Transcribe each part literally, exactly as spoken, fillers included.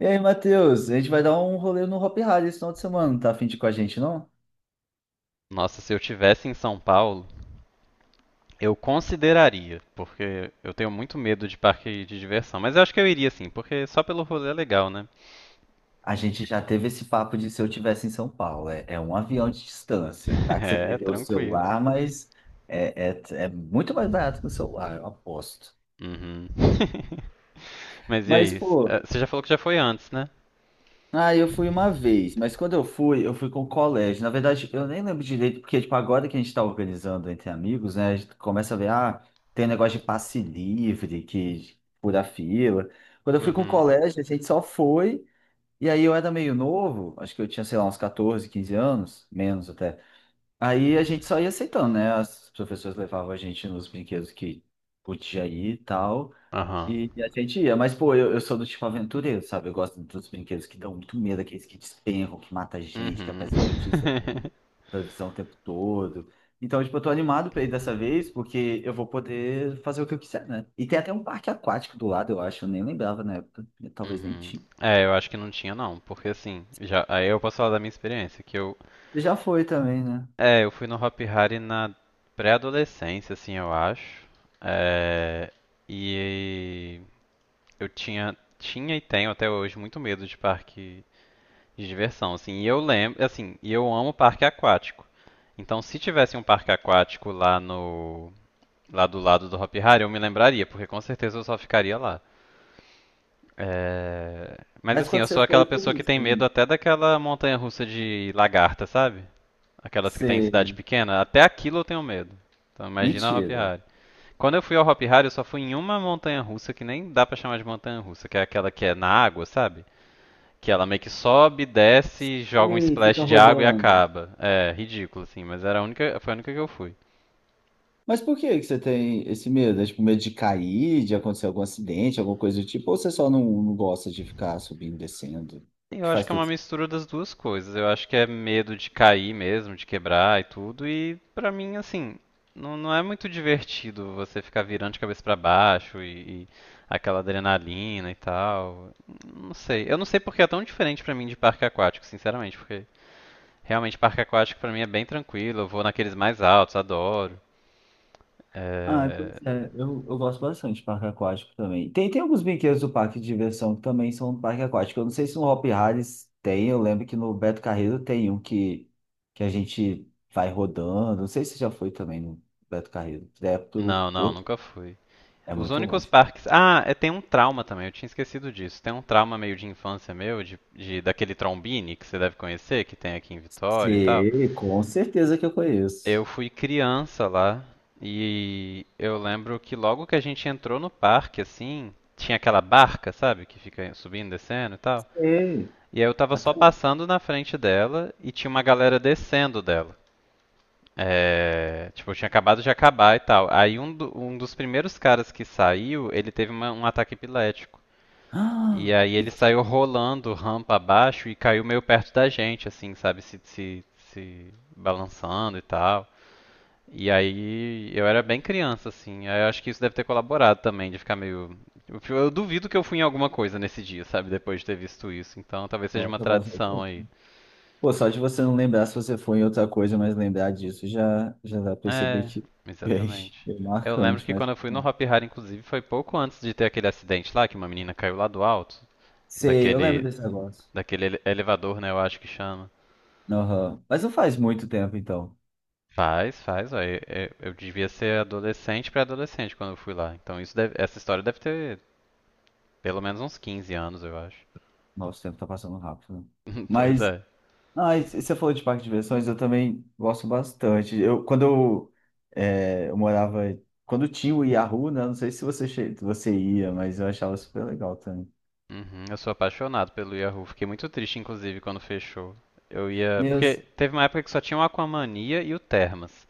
E aí, Matheus, a gente vai dar um rolê no Hop Hari esse final de semana, tá a fim de ir com a gente, não? Nossa, se eu tivesse em São Paulo, eu consideraria, porque eu tenho muito medo de parque de diversão. Mas eu acho que eu iria sim, porque só pelo rolê é legal, né? A gente já teve esse papo de se eu tivesse em São Paulo, é, é um avião de distância, tá? Que você É, perdeu o tranquilo. celular, mas é, é, é muito mais barato que o celular, eu aposto. Uhum. Mas e Mas, aí? S- eh, pô, Você já falou que já foi antes, né? ah, eu fui uma vez, mas quando eu fui, eu fui com o colégio. Na verdade, eu nem lembro direito, porque, tipo, agora que a gente tá organizando entre amigos, né, a gente começa a ver, ah, tem um negócio de passe livre, que fura fila. Quando eu fui com o Uhum. colégio, a gente só foi. E aí eu era meio novo, acho que eu tinha, sei lá, uns quatorze, quinze anos, menos até. Aí a gente só ia aceitando, né? As professoras levavam a gente nos brinquedos que podia ir e tal, Aham. e e a gente ia. Mas, pô, eu, eu sou do tipo aventureiro, sabe? Eu gosto dos brinquedos que dão muito medo, aqueles que despencam, que mata gente, que Uhum. aparece notícia no- na televisão o tempo todo. Então, tipo, eu tô animado pra ir dessa vez, porque eu vou poder fazer o que eu quiser, né? E tem até um parque aquático do lado, eu acho, eu nem lembrava na época, talvez nem Uhum. tinha. É, eu acho que não tinha não, porque assim, já, aí eu posso falar da minha experiência, que eu, Já foi também, né? é, eu fui no Hop Hari na pré-adolescência, assim, eu acho. É, e eu tinha, tinha e tenho até hoje muito medo de parque de diversão, assim. E eu lembro, assim, e eu amo parque aquático. Então, se tivesse um parque aquático lá no, lá do lado do Hopi Hari, eu me lembraria, porque com certeza eu só ficaria lá. É, mas Mas assim, quando eu sou você foi, aquela por que pessoa que que tem você medo não? até daquela montanha-russa de lagarta, sabe? Aquelas que tem em Você. cidade pequena, até aquilo eu tenho medo. Então imagina a Hopi Mentira. Hari. Quando eu fui ao Hopi Hari, eu só fui em uma montanha-russa que nem dá pra chamar de montanha-russa, que é aquela que é na água, sabe? Que ela meio que sobe, desce, joga um E splash fica de água e rodando. acaba. É, ridículo, assim, mas era a única, foi a única que eu fui. Mas por que que você tem esse medo? É tipo medo de cair, de acontecer algum acidente, alguma coisa do tipo? Ou você só não, não gosta de ficar subindo e descendo? Sim, eu Que acho faz que é todo uma sentido. mistura das duas coisas. Eu acho que é medo de cair mesmo, de quebrar e tudo. E pra mim, assim, não, não é muito divertido você ficar virando de cabeça pra baixo e, e aquela adrenalina e tal. Não sei. Eu não sei porque é tão diferente pra mim de parque aquático, sinceramente, porque realmente parque aquático pra mim é bem tranquilo. Eu vou naqueles mais altos, adoro. Ah, É, pois é. Eu, eu gosto bastante de parque aquático também. Tem, tem alguns brinquedos do parque de diversão que também são do parque aquático. Eu não sei se no Hopi Harris tem. Eu lembro que no Beto Carreiro tem um que, que a gente vai rodando. Não sei se já foi também no Beto Carreiro. É pro não, não, outro. nunca fui. É Os muito únicos longe. parques. Ah, é, tem um trauma também, eu tinha esquecido disso. Tem um trauma meio de infância meu, de, de- daquele Trombini que você deve conhecer, que tem aqui em Vitória e tal. Sim, com certeza que eu conheço. Eu fui criança lá e eu lembro que logo que a gente entrou no parque, assim, tinha aquela barca, sabe, que fica subindo, descendo e tal. Sim, E aí eu tava até. só passando na frente dela e tinha uma galera descendo dela. É, tipo, tinha acabado de acabar e tal. Aí um, do- um dos primeiros caras que saiu, ele teve uma- um ataque epilético. Ah, E aí e ele você... saiu rolando rampa abaixo e caiu meio perto da gente, assim, sabe? Se, se, se balançando e tal. E aí eu era bem criança, assim. Aí eu acho que isso deve ter colaborado também, de ficar meio. Eu, eu duvido que eu fui em alguma coisa nesse dia, sabe? Depois de ter visto isso. Então talvez seja uma Nossa, com tradição certeza. aí. Pô, só de você não lembrar se você foi em outra coisa, mas lembrar disso já, já dá pra perceber É, que é bem, exatamente. bem Eu lembro marcante, que mas. quando eu fui no Não. Hop Hari, inclusive, foi pouco antes de ter aquele acidente lá, que uma menina caiu lá do alto, Sei, eu lembro daquele, desse negócio. daquele ele- elevador, né, eu acho que chama. Aham. Mas não faz muito tempo, então. Faz, faz, ó. Eu, eu- eu devia ser adolescente pra adolescente quando eu fui lá. Então isso deve- essa história deve ter pelo menos uns quinze anos, eu acho. Nossa, o tempo tá passando rápido, né? Pois Mas é. ah, e você falou de parque de diversões, eu também gosto bastante. Eu, quando eu, é, eu morava, quando tinha o Yahoo, né? Não sei se você, che- você ia, mas eu achava super legal também. Uhum, eu sou apaixonado pelo Yahoo. Fiquei muito triste, inclusive, quando fechou. Eu ia. Porque Meus, teve uma época que só tinha o Aquamania e o Termas.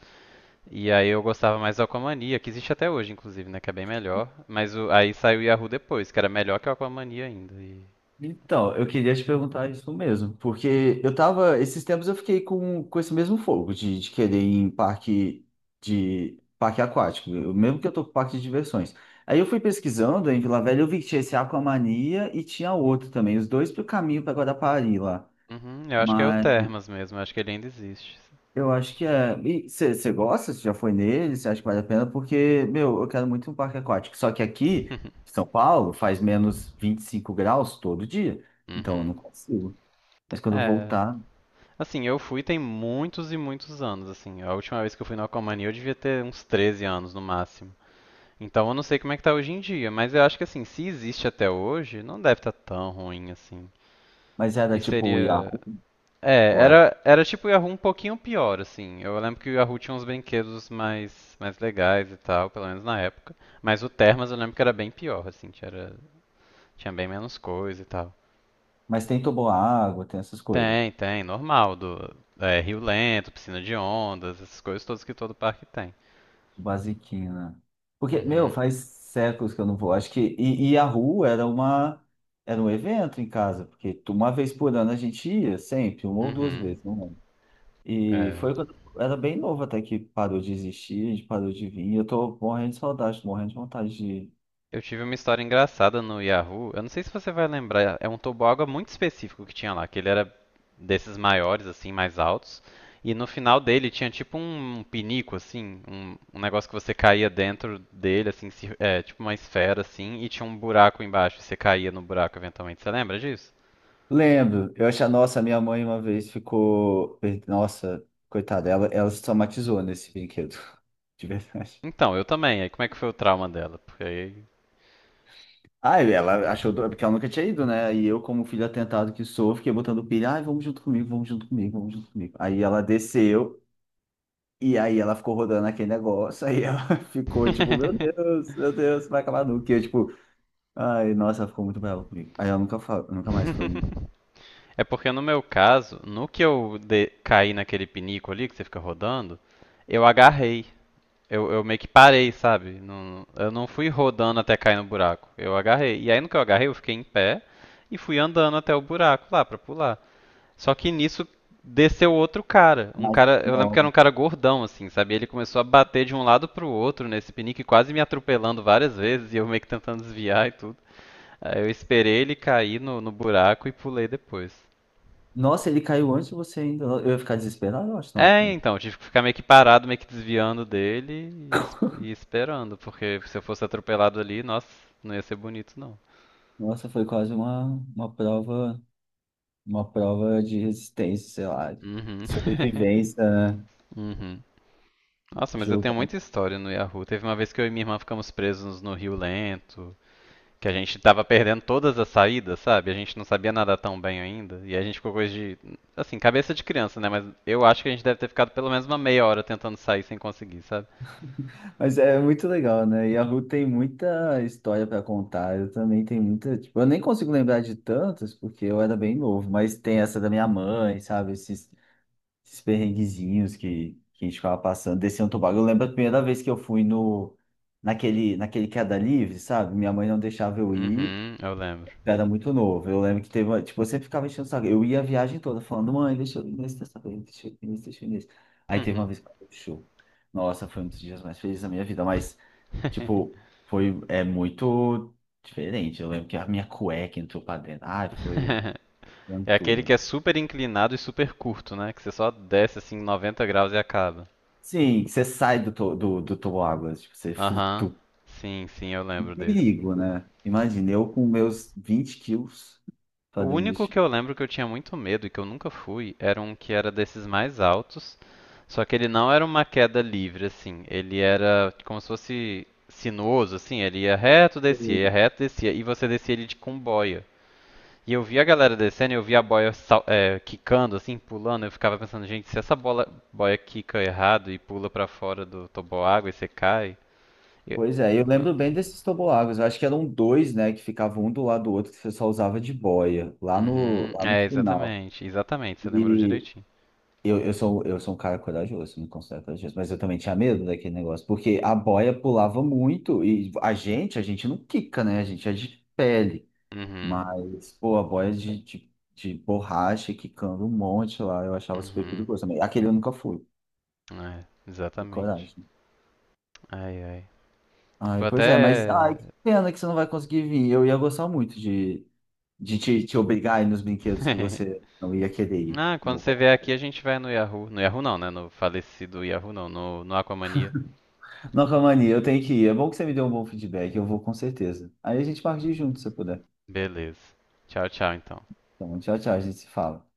E aí eu gostava mais do Aquamania, que existe até hoje, inclusive, né? Que é bem melhor. Mas o- aí saiu o Yahoo depois, que era melhor que o Aquamania ainda. E... então, eu queria te perguntar isso mesmo, porque eu tava, esses tempos eu fiquei com, com esse mesmo fogo de, de querer ir em parque de parque aquático, eu- mesmo que eu tô com parque de diversões. Aí eu fui pesquisando em Vila Velha, eu vi que tinha esse Aquamania e tinha outro também, os dois pro caminho para Guarapari lá. Uhum, eu acho que é o Termas mesmo, eu acho que ele ainda existe. Eu acho que é. E você gosta? Você já foi nele? Você acha que vale a pena? Porque, meu, eu quero muito um parque aquático. Só que aqui, em São Paulo, faz menos vinte e cinco graus todo dia. Então eu Uhum. não consigo. Mas quando eu É, voltar. assim, eu fui tem muitos e muitos anos, assim. A última vez que eu fui no Aquamania eu devia ter uns treze anos no máximo. Então eu não sei como é que tá hoje em dia, mas eu acho que assim, se existe até hoje, não deve estar tão ruim assim. Mas era E tipo o seria. Yahoo, É, ou era? era, era tipo o Yahoo um pouquinho pior, assim. Eu lembro que o Yahoo tinha uns brinquedos mais, mais legais e tal, pelo menos na época. Mas o Termas eu lembro que era bem pior, assim, tinha, era- tinha bem menos coisa e tal. Mas tem água tem essas coisas. Tem, tem, normal, do é, rio lento, piscina de ondas, essas coisas todas que todo parque tem. Basiquinho, né? Porque, meu, Uhum, faz séculos que eu não vou. Acho que. E, e Yahoo era uma. Era um evento em casa. Porque tu- uma vez por ano a gente ia, sempre, uma ou duas uhum. vezes, não. E É. foi quando eu era bem novo até que parou de existir, a gente parou de vir. E eu tô morrendo de saudade, tô morrendo de vontade de. Eu tive uma história engraçada no Yahoo. Eu não sei se você vai lembrar, é um toboágua muito específico que tinha lá, que ele era desses maiores, assim, mais altos. E no final dele tinha tipo um um pinico, assim, um, um negócio que você caía dentro dele, assim, se- é, tipo uma esfera, assim, e tinha um buraco embaixo, e você caía no buraco eventualmente. Você lembra disso? Lembro, eu achei, nossa, minha mãe uma vez ficou. Nossa, coitada, ela, ela se traumatizou nesse brinquedo, de verdade. Então, eu também. Aí como é que foi o trauma dela? Porque aí Ah, e ela achou, do- porque ela nunca tinha ido, né? E eu, como filho atentado que sou, fiquei botando pilha, ai, vamos junto comigo, vamos junto comigo, vamos junto comigo. Aí ela desceu, e aí ela ficou rodando aquele negócio, aí ela ficou tipo, meu Deus, meu Deus, vai acabar nunca. E eu, tipo, ai, nossa, ela ficou muito brava comigo. Aí ela nunca, fa- nunca mais foi. é porque no meu caso, no que eu de- caí naquele pinico ali que você fica rodando, eu agarrei. Eu, eu meio que parei, sabe? Não- eu não fui rodando até cair no buraco. Eu agarrei. E aí no que eu agarrei, eu fiquei em pé e fui andando até o buraco lá pra pular. Só que nisso desceu outro cara. Um Mas, cara, eu lembro que não. era um cara gordão assim, sabe? Ele começou a bater de um lado pro outro nesse pinico e quase me atropelando várias vezes e eu meio que tentando desviar e tudo. Aí eu esperei ele cair no, no buraco e pulei depois. Nossa, ele caiu antes de você ainda. Eu ia ficar desesperado, eu acho, não, É, também. então, tive que ficar meio que parado, meio que desviando dele e, es- e esperando, porque se eu fosse atropelado ali, nossa, não ia ser bonito, não. Nossa, foi quase uma, uma prova, uma prova de resistência, sei lá, de Uhum. sobrevivência, né? Uhum. Nossa, mas eu tenho Jogar. muita história no Yahoo. Teve uma vez que eu e minha irmã ficamos presos no Rio Lento, que a gente tava perdendo todas as saídas, sabe? A gente não sabia nadar tão bem ainda, e a gente ficou coisa de, assim, cabeça de criança, né? Mas eu acho que a gente deve ter ficado pelo menos uma meia hora tentando sair sem conseguir, sabe? Mas é muito legal, né? E a Ru tem muita história para contar. Eu também tenho muita, tipo, eu nem consigo lembrar de tantas, porque eu era bem novo, mas tem essa da minha mãe, sabe? Esses esses perrenguezinhos que, que a gente ficava passando, descendo o toboágua. Eu lembro a primeira vez que eu fui no, naquele, naquele queda livre, sabe? Minha mãe não deixava eu ir, Uhum, eu lembro. eu era muito novo. Eu lembro que teve uma, tipo, eu sempre ficava enchendo o saco. Eu ia a viagem toda falando, mãe, deixa eu ir nesse dessa vez, deixa eu ir nesse, deixa eu ir nesse. Aí teve uma vez que eu show. Nossa, foi um dos dias mais felizes da minha vida, mas, tipo, foi, é muito diferente. Eu lembro que a minha cueca entrou pra dentro. Ai, foi É aquele aventura. que é super inclinado e super curto, né? Que você só desce assim noventa graus e acaba. Sim, você sai do, to- do, do toboágua, tipo, você Aham. flutua. Sim, sim, eu Um lembro desse. perigo, né? Imagina, eu com meus vinte quilos O fazendo único esse que eu tipo lembro que eu tinha muito medo e que eu nunca fui era um que era desses mais altos, só que ele não era uma queda livre, assim. Ele era como se fosse sinuoso, assim. Ele ia reto, de... descia, ia coisa. reto, descia. E você descia ele de com boia. E eu vi a galera descendo, e eu vi a boia sal- é, quicando, assim, pulando. Eu ficava pensando, gente, se essa bola, boia quica errado e pula pra fora do toboágua e você cai. eu- Pois é, eu Então. lembro bem desses toboáguas. Eu acho que eram dois, né, que ficavam um do lado do outro, que você só usava de boia, lá no, Uhum, lá no é, final. exatamente, exatamente, você lembrou E direitinho. eu, eu sou, eu sou um cara corajoso, me considero corajoso, mas eu também tinha medo daquele negócio, porque a boia pulava muito e a gente, a gente não quica, né? A gente é de pele, Uhum, mas, pô, a boia de, de, de borracha quicando um monte lá, eu achava super uhum, perigoso também. Aquele eu nunca fui. é, Que exatamente. coragem. Ai, ai. Ai, Vou pois é, mas ai, até. que pena que você não vai conseguir vir. Eu ia gostar muito de, de te, te obrigar a ir nos brinquedos que você não ia querer ir. Ah, Não, quando vou você vier colocar aqui aí. a gente vai no Yahoo. No Yahoo não, né? No falecido Yahoo não, no, no Aquamania. Não, Camani, eu tenho que ir. É bom que você me deu um bom feedback, eu vou com certeza. Aí a gente parte de junto se eu puder. Beleza. Tchau, tchau então. Então, tchau, tchau, a gente se fala.